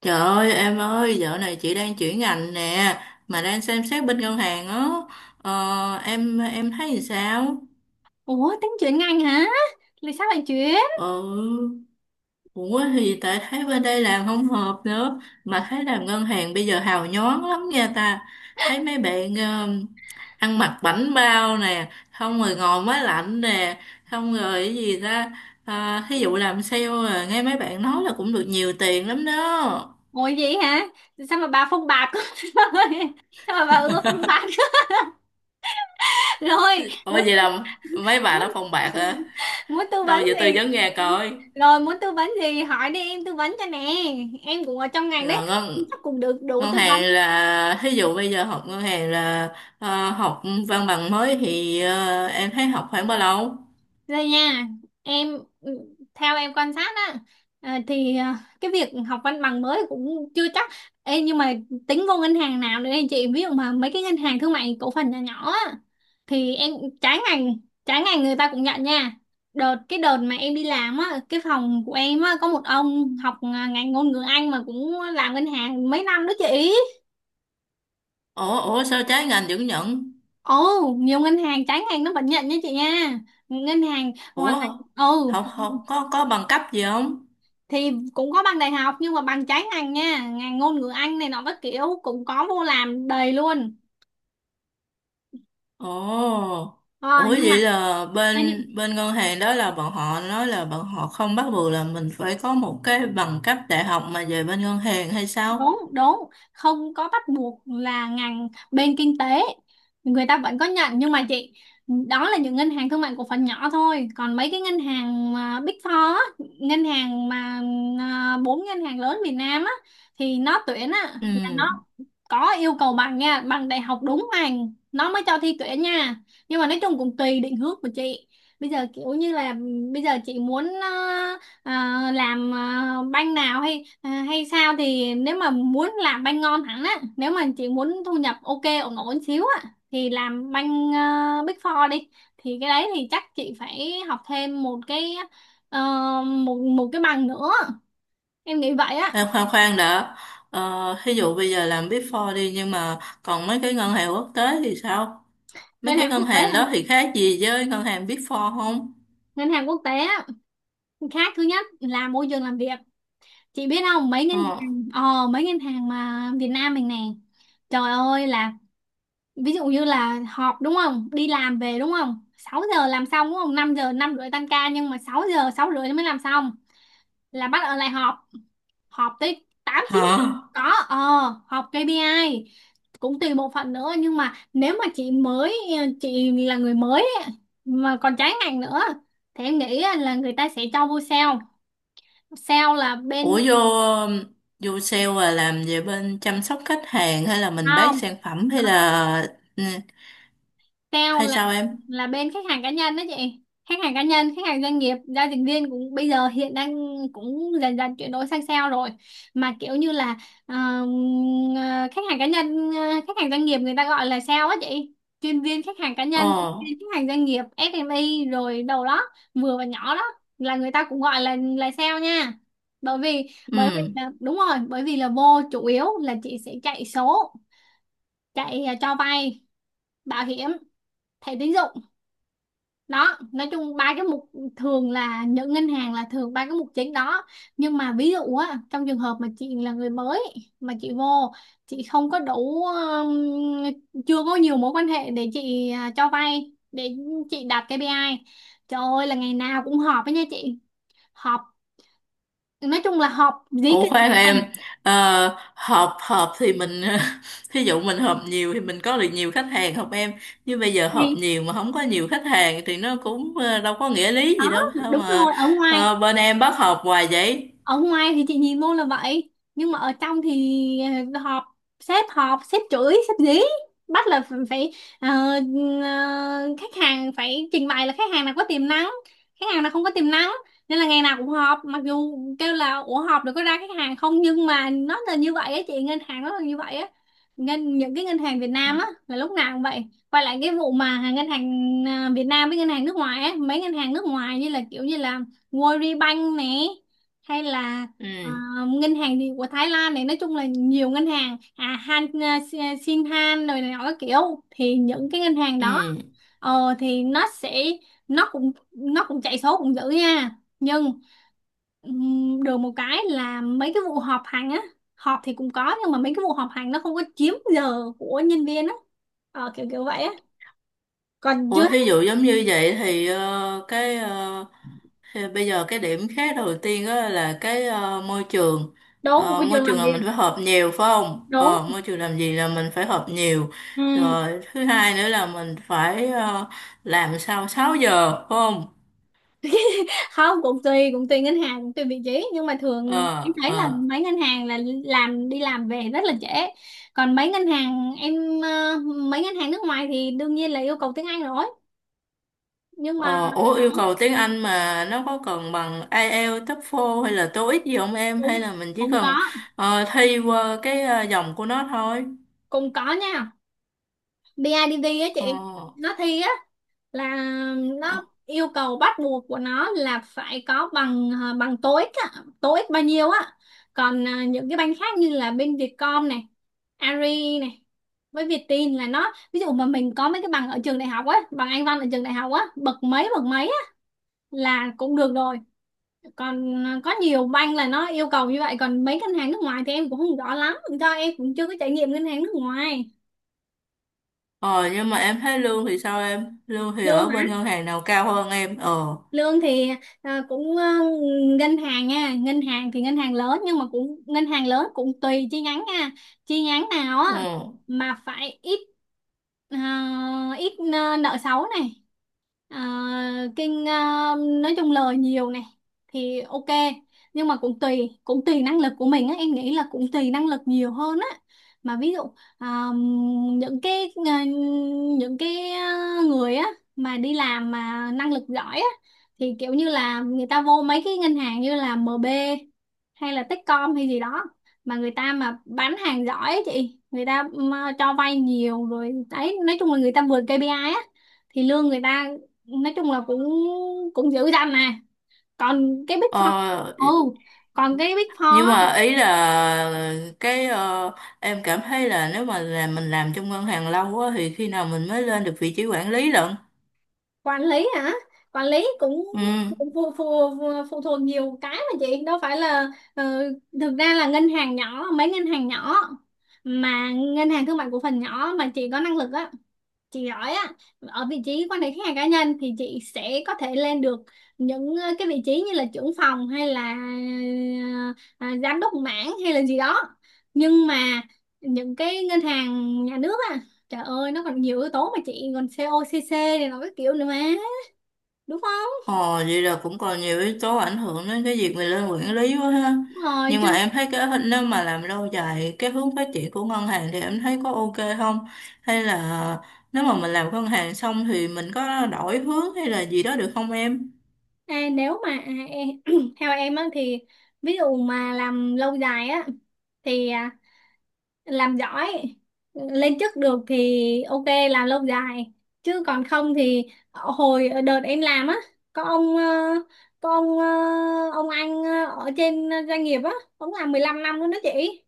Trời ơi em ơi, dạo này chị đang chuyển ngành nè, mà đang xem xét bên ngân hàng á. Ờ, em thấy thì sao? Ủa tính chuyển ngành hả? Là sao bạn chuyển? Ừ, ủa thì tại thấy bên đây làm không hợp nữa, mà thấy làm ngân hàng bây giờ hào nhoáng lắm nha ta. Thấy mấy bạn ăn mặc bảnh bao nè, không rồi ngồi máy lạnh nè, không rồi cái gì ta. À, thí dụ làm sale à, nghe mấy bạn nói là cũng được nhiều tiền lắm đó. Ngồi vậy hả? Sao mà bà phong bạc rồi? Sao mà bà ưa phong bạc rồi? Ủa vậy là mấy bà muốn đó phong bạc hả? muốn tư Đâu vấn giờ tôi gì? giống nghe coi Rồi muốn tư vấn gì hỏi đi, em tư vấn cho nè. Em cũng ở trong ngành đấy, rồi ngân chắc cũng được đủ ngân tư vấn. hàng là thí dụ bây giờ học ngân hàng là học văn bằng mới thì em thấy học khoảng bao lâu? Đây nha, em theo em quan sát á, cái việc học văn bằng mới cũng chưa chắc. Ê, nhưng mà tính vô ngân hàng nào nữa đây chị, ví dụ mà mấy cái ngân hàng thương mại cổ phần nhỏ nhỏ á thì em, trái ngành trái ngành người ta cũng nhận nha. Cái đợt mà em đi làm á, cái phòng của em á có một ông học ngành ngôn ngữ Anh mà cũng làm ngân hàng mấy năm đó chị. Ủa ủa sao trái ngành vẫn nhận? Ồ, nhiều ngân hàng trái ngành nó vẫn nhận nha chị nha. Ngân hàng ngoài ngành, Ủa ừ, học học có bằng cấp gì không? thì cũng có bằng đại học nhưng mà bằng trái ngành nha, ngành ngôn ngữ Anh này nó các kiểu cũng có vô làm đầy luôn. Ồ. Ờ, Ủa nhưng vậy mà là thế nhưng- bên bên ngân hàng đó là bọn họ nói là bọn họ không bắt buộc là mình phải có một cái bằng cấp đại học mà về bên ngân hàng hay sao? đúng, không có bắt buộc là ngành bên kinh tế, người ta vẫn có nhận nhưng mà chị, đó là những ngân hàng thương mại cổ phần nhỏ thôi. Còn mấy cái ngân hàng mà Big Four á, ngân hàng mà bốn ngân hàng lớn Việt Nam á, thì nó tuyển á là nó Ừ. có yêu cầu bằng nha, bằng đại học, đúng bằng nó mới cho thi tuyển nha. Nhưng mà nói chung cũng tùy định hướng của chị. Bây giờ kiểu như là bây giờ chị muốn ờ, làm banh nào hay hay sao, thì nếu mà muốn làm banh ngon hẳn á, nếu mà chị muốn thu nhập ok ổn ổn xíu á thì làm banh Big Four đi, thì cái đấy thì chắc chị phải học thêm một cái, ờ, một một cái bằng nữa, em nghĩ vậy á. Em khoan khoan đã. ờ, thí dụ bây giờ làm Big Four đi, nhưng mà còn mấy cái ngân hàng quốc tế thì sao? Mấy ngân cái hàng ngân quốc tế hàng hả đó thì khác gì với ngân hàng Big Four không? Ngân hàng quốc tế á, khác thứ nhất là môi trường làm việc. Chị biết không, mấy ngân Ờ. hàng mấy ngân hàng mà Việt Nam mình nè, trời ơi là, ví dụ như là họp, đúng không, đi làm về, đúng không, 6 giờ làm xong, đúng không, 5 giờ 5 rưỡi tan ca nhưng mà 6 giờ 6 rưỡi mới làm xong, là bắt ở lại họp, họp tới 8 9 giờ. Hả. Có, ờ, họp KPI, cũng tùy bộ phận nữa. Nhưng mà nếu mà chị mới, chị là người mới ấy, mà còn trái ngành nữa, thì em nghĩ là người ta sẽ cho vô sale. sale là bên Ủa vô vô sale là làm về bên chăm sóc khách hàng hay là mình bán không sản phẩm hay là ừ, sale hay là sao em? là bên khách hàng cá nhân đó chị. Khách hàng cá nhân, khách hàng doanh nghiệp, giao dịch viên cũng bây giờ hiện đang cũng dần dần chuyển đổi sang sale rồi. Mà kiểu như là ờ, ờ, khách hàng cá nhân, khách hàng doanh nghiệp người ta gọi là sale á chị, chuyên viên khách hàng cá nhân, chuyên Ờ. viên khách hàng doanh nghiệp SME rồi đầu đó, vừa và nhỏ đó, là người ta cũng gọi là sale nha. bởi vì bởi vì Ừ. là đúng rồi, bởi vì là vô chủ yếu là chị sẽ chạy số, chạy cho vay, bảo hiểm, thẻ tín dụng đó, nói chung ba cái mục, thường là những ngân hàng là thường ba cái mục chính đó. Nhưng mà ví dụ á, trong trường hợp mà chị là người mới mà chị vô, chị không có đủ chưa có nhiều mối quan hệ để chị cho vay để chị đạt KPI, trời ơi là ngày nào cũng họp với nha chị. Họp, nói chung là họp dí Ủa cái khoan này em, ờ, họp họp thì mình thí dụ mình họp nhiều thì mình có được nhiều khách hàng không em? Chứ bây giờ họp thì nhiều mà không có nhiều khách hàng thì nó cũng đâu có nghĩa lý gì đó, đâu, sao đúng mà rồi. ở ngoài bên em bắt họp hoài vậy? ở ngoài thì chị nhìn luôn là vậy, nhưng mà ở trong thì họp, sếp họp, sếp chửi, sếp dí, bắt là phải ờ, khách hàng phải trình bày là khách hàng nào có tiềm năng, khách hàng nào không có tiềm năng, nên là ngày nào cũng họp. Mặc dù kêu là, ủa họp được có ra khách hàng không, nhưng mà nó là như vậy á chị, ngân hàng nó là như vậy á. Những cái ngân hàng Việt Nam á là lúc nào cũng vậy. Quay lại cái vụ mà ngân hàng Việt Nam với ngân hàng nước ngoài á, mấy ngân hàng nước ngoài như là World Bank nè, hay là à, Ừ. ngân hàng thì của Thái Lan này, nói chung là nhiều ngân hàng. À Han Shinhan rồi này nọ các kiểu, thì những cái ngân hàng Ừ. đó thì nó sẽ nó cũng chạy số cũng dữ nha, nhưng được một cái là mấy cái vụ họp hành á, họp thì cũng có nhưng mà mấy cái vụ họp hành nó không có chiếm giờ của nhân viên á, kiểu kiểu vậy á. Còn Ủa, chưa, thí dụ giống như vậy thì cái thì bây giờ cái điểm khác đầu tiên đó là cái môi trường. đúng, Ờ, môi môi trường trường làm là việc, mình phải họp nhiều phải không? đúng, Ờ, môi trường làm gì là mình phải họp nhiều, ừ. rồi thứ hai nữa là mình phải làm sau 6 giờ phải không? Không, cũng tùy, cũng tùy ngân hàng, cũng tùy vị trí, nhưng mà thường em Ờ, thấy là ờ. mấy ngân hàng là làm đi làm về rất là trễ. Còn mấy ngân hàng em ờ, mấy ngân hàng nước ngoài thì đương nhiên là yêu cầu tiếng Anh rồi. Nhưng mà Ờ, ủa yêu cầu tiếng Anh mà nó có cần bằng IELTS, TOEFL hay là TOEIC gì không em? Hay cũng là mình chỉ cũng cần có, thi qua cái dòng của nó thôi? cũng có nha. Bê I BIDV á Ờ. chị, nó thi á, là Ờ. nó yêu cầu bắt buộc của nó là phải có bằng bằng TOEIC á, TOEIC bao nhiêu á. Còn à, những cái banh khác như là bên Vietcom này, Ari này, với Vietin là nó, ví dụ mà mình có mấy cái bằng ở trường đại học á, bằng Anh văn ở trường đại học á, bậc mấy á, là cũng được rồi. Còn à, có nhiều banh là nó yêu cầu như vậy. Còn mấy ngân hàng nước ngoài thì em cũng không rõ lắm, do em cũng chưa có trải nghiệm ngân hàng nước ngoài. Ờ nhưng mà em thấy lương thì sao em? Lương thì Lương ở bên ngân hàng nào cao hơn em? Ờ. lương thì à, cũng à, ngân hàng nha, ngân hàng thì ngân hàng lớn, nhưng mà cũng ngân hàng lớn cũng tùy chi nhánh nha, chi nhánh nào á Ừ. mà phải ít ít nợ xấu này, À, kinh à, nói chung lời nhiều này thì ok. Nhưng mà cũng tùy, cũng tùy năng lực của mình á, em nghĩ là cũng tùy năng lực nhiều hơn á. Mà ví dụ à, những cái à, người á mà đi làm mà năng lực giỏi á, thì kiểu như là người ta vô mấy cái ngân hàng như là MB hay là Techcom hay gì đó, mà người ta mà bán hàng giỏi á chị, người ta mà cho vay nhiều rồi đấy, nói chung là người ta vượt KPI á thì lương người ta nói chung là cũng cũng dữ dằn nè. Còn cái Big Four, Ờ ừ, còn cái Big Four nhưng á, mà ý là cái em cảm thấy là nếu mà là mình làm trong ngân hàng lâu á thì khi nào mình mới lên được vị trí quản lý lận? quản lý hả? Quản lý cũng Ừ. phụ, phụ, phụ, phụ thuộc nhiều cái mà chị, đâu phải là ờ, thực ra là ngân hàng nhỏ, mấy ngân hàng nhỏ mà ngân hàng thương mại cổ phần nhỏ mà chị có năng lực á, chị giỏi á, ở vị trí quan hệ khách hàng cá nhân thì chị sẽ có thể lên được những cái vị trí như là trưởng phòng, hay là giám đốc mảng hay là gì đó. Nhưng mà những cái ngân hàng nhà nước á, trời ơi nó còn nhiều yếu tố mà chị, còn COCC này nó cái kiểu nữa mà, đúng không? Ồ, vậy là cũng còn nhiều yếu tố ảnh hưởng đến cái việc mình lên quản lý quá ha. Đúng rồi Nhưng mà chứ. em thấy cái hình- nếu mà làm lâu dài cái hướng phát triển của ngân hàng thì em thấy có ok không? Hay là nếu mà mình làm ngân hàng xong thì mình có đổi hướng hay là gì đó được không em? À, nếu mà à, em, theo em á thì, ví dụ mà làm lâu dài á thì làm giỏi, lên chức được thì ok, làm lâu dài. Chứ còn không thì hồi đợt em làm á, có ông có ông ờ, ông anh ở trên doanh nghiệp á, ông làm 15 năm luôn đó chị,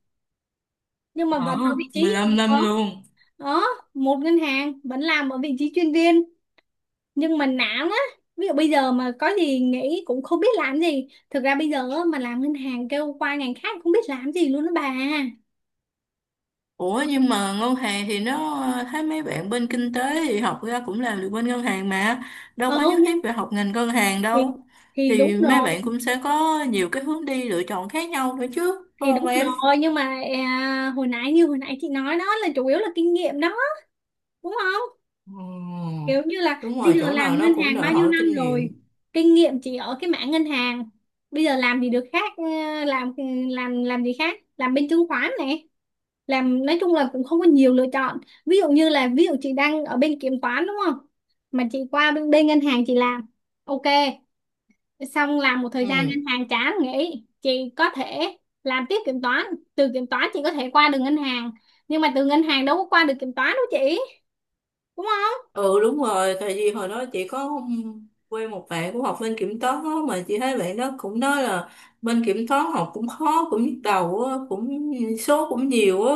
nhưng mà Ờ, vẫn ở vị trí 15 ở, năm luôn. ở một ngân hàng vẫn làm ở vị trí chuyên viên, nhưng mà nản á. Ví dụ bây giờ mà có gì nghĩ cũng không biết làm gì, thực ra bây giờ á, mà làm ngân hàng kêu qua ngành khác cũng biết làm gì luôn đó bà. Ủa nhưng mà ngân hàng thì nó thấy mấy bạn bên kinh tế thì học ra cũng làm được bên ngân hàng mà, đâu có Ừ nhất thiết nhưng, phải học ngành ngân hàng thì đâu, thì đúng thì mấy rồi, bạn cũng sẽ có nhiều cái hướng đi lựa chọn khác nhau nữa chứ phải thì không đúng em? rồi nhưng mà hồi nãy chị nói đó là chủ yếu là kinh nghiệm đó, đúng không? Ừ, Kiểu như là đúng bây rồi, giờ chỗ làm nào nó ngân cũng hàng đòi bao nhiêu hỏi năm kinh rồi, nghiệm. kinh nghiệm chỉ ở cái mảng ngân hàng, bây giờ làm gì được khác? Ờ, làm làm gì khác, làm bên chứng khoán này, làm, nói chung là cũng không có nhiều lựa chọn. Ví dụ như là, ví dụ chị đang ở bên kiểm toán, đúng không, mà chị qua bên ngân hàng chị làm ok, xong làm một Ừ. thời gian ngân hàng chán nghỉ, chị có thể làm tiếp kiểm toán. Từ kiểm toán chị có thể qua được ngân hàng, nhưng mà từ ngân hàng đâu có qua được kiểm toán đâu chị, đúng không? Ừ đúng rồi, tại vì hồi đó chị có quen một bạn cũng học bên kiểm toán á, mà chị thấy bạn đó cũng nói là bên kiểm toán học cũng khó, cũng nhức đầu á, cũng số cũng nhiều á.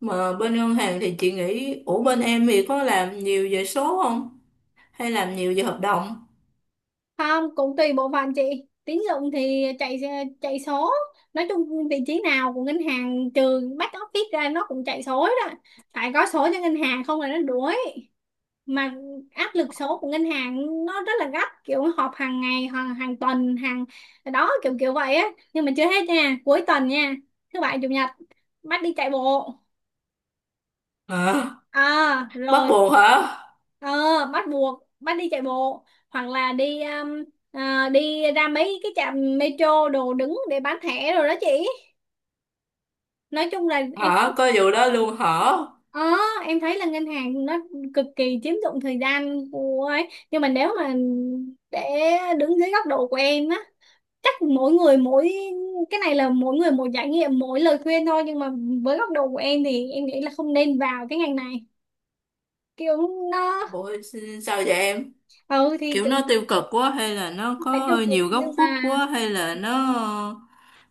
Mà bên ngân hàng thì chị nghĩ, ủa bên em thì có làm nhiều về số không? Hay làm nhiều về hợp đồng? Không, cũng tùy bộ phận chị. Tín dụng thì chạy, chạy số, nói chung vị trí nào của ngân hàng trừ back office ra nó cũng chạy số đó, phải có số cho ngân hàng không là nó đuối. Mà áp lực số của ngân hàng nó rất là gấp, kiểu họp hàng ngày, hàng hàng tuần, hàng, đó, kiểu kiểu vậy á. Nhưng mà chưa hết nha, cuối tuần nha, thứ bảy chủ nhật bắt đi chạy bộ. Hả? À Bắt rồi, buộc hả? ờ, bắt buộc, bắt đi chạy bộ, hoặc là đi đi ra mấy cái trạm metro đồ đứng để bán thẻ rồi đó chị. Nói chung là em, Hả? Có vụ đó luôn hả? ờ, em thấy là ngân hàng nó cực kỳ chiếm dụng thời gian của ấy. Nhưng mà nếu mà, để đứng dưới góc độ của em á, chắc mỗi người mỗi, cái này là mỗi người một trải nghiệm, mỗi lời khuyên thôi, nhưng mà với góc độ của em thì em nghĩ là không nên vào cái ngành này. Kiểu nó, Ủa sao vậy em? ừ thì Kiểu nó kiểu, tiêu cực quá hay là nó không phải tiêu có cực nhiều góc nhưng khuất mà, quá hay là nó,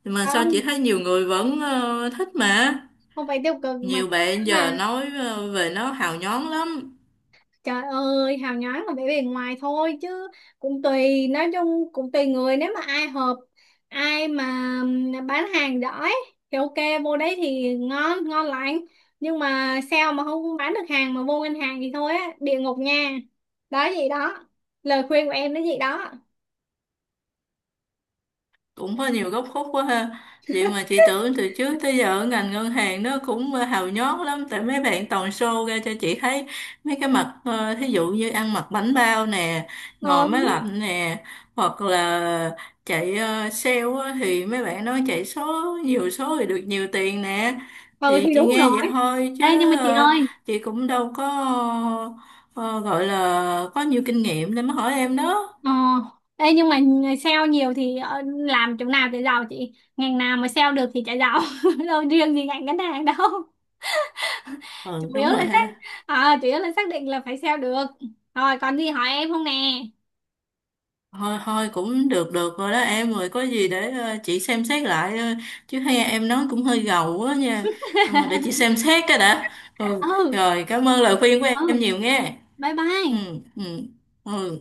mà sao chị không, thấy nhiều người vẫn thích mà, không phải tiêu cực mà nhiều các bạn bạn là, giờ nói về nó hào nhoáng lắm, trời ơi, hào nhoáng là vẻ bề ngoài thôi chứ. Cũng tùy, nói chung cũng tùy người, nếu mà ai hợp, ai mà bán hàng giỏi thì ok, vô đấy thì ngon, ngon lành. Nhưng mà sao mà không bán được hàng mà vô ngân hàng thì thôi á, địa ngục nha. Đó vậy đó. Lời khuyên của em nó vậy đó. cũng có nhiều góc khuất quá ha. Vậy mà chị tưởng từ trước tới giờ ở ngành ngân hàng nó cũng hào nhoáng lắm tại mấy bạn toàn show ra cho chị thấy mấy cái mặt thí dụ như ăn mặc bánh bao nè, ngồi Không. máy lạnh nè, hoặc là chạy sale á, thì mấy bạn nói chạy số nhiều số thì được nhiều tiền nè, Ừ thì thì chị đúng nghe vậy rồi. thôi Ê nhưng chứ mà chị ơi, chị cũng đâu có ờ, gọi là có nhiều kinh nghiệm để mà hỏi em đó. ờ, ê nhưng mà sale nhiều thì ờ, làm chỗ nào để giàu chị? Ngành nào mà sale được thì chả giàu. Đâu riêng gì ngành ngân hàng đâu. chủ Ừ yếu đúng rồi là xác ha. Chủ yếu là xác định là phải sale được. Rồi còn gì hỏi em không nè? Thôi thôi, cũng được được rồi đó em, rồi có gì để chị xem xét lại, chứ hay em nói cũng hơi gầu quá nha. Ờ, để chị xem xét cái đã. Ừ, Ừ. rồi cảm ơn lời khuyên của Ừ. em nhiều nghe. Bye bye. Ừ. Ừ. Ừ.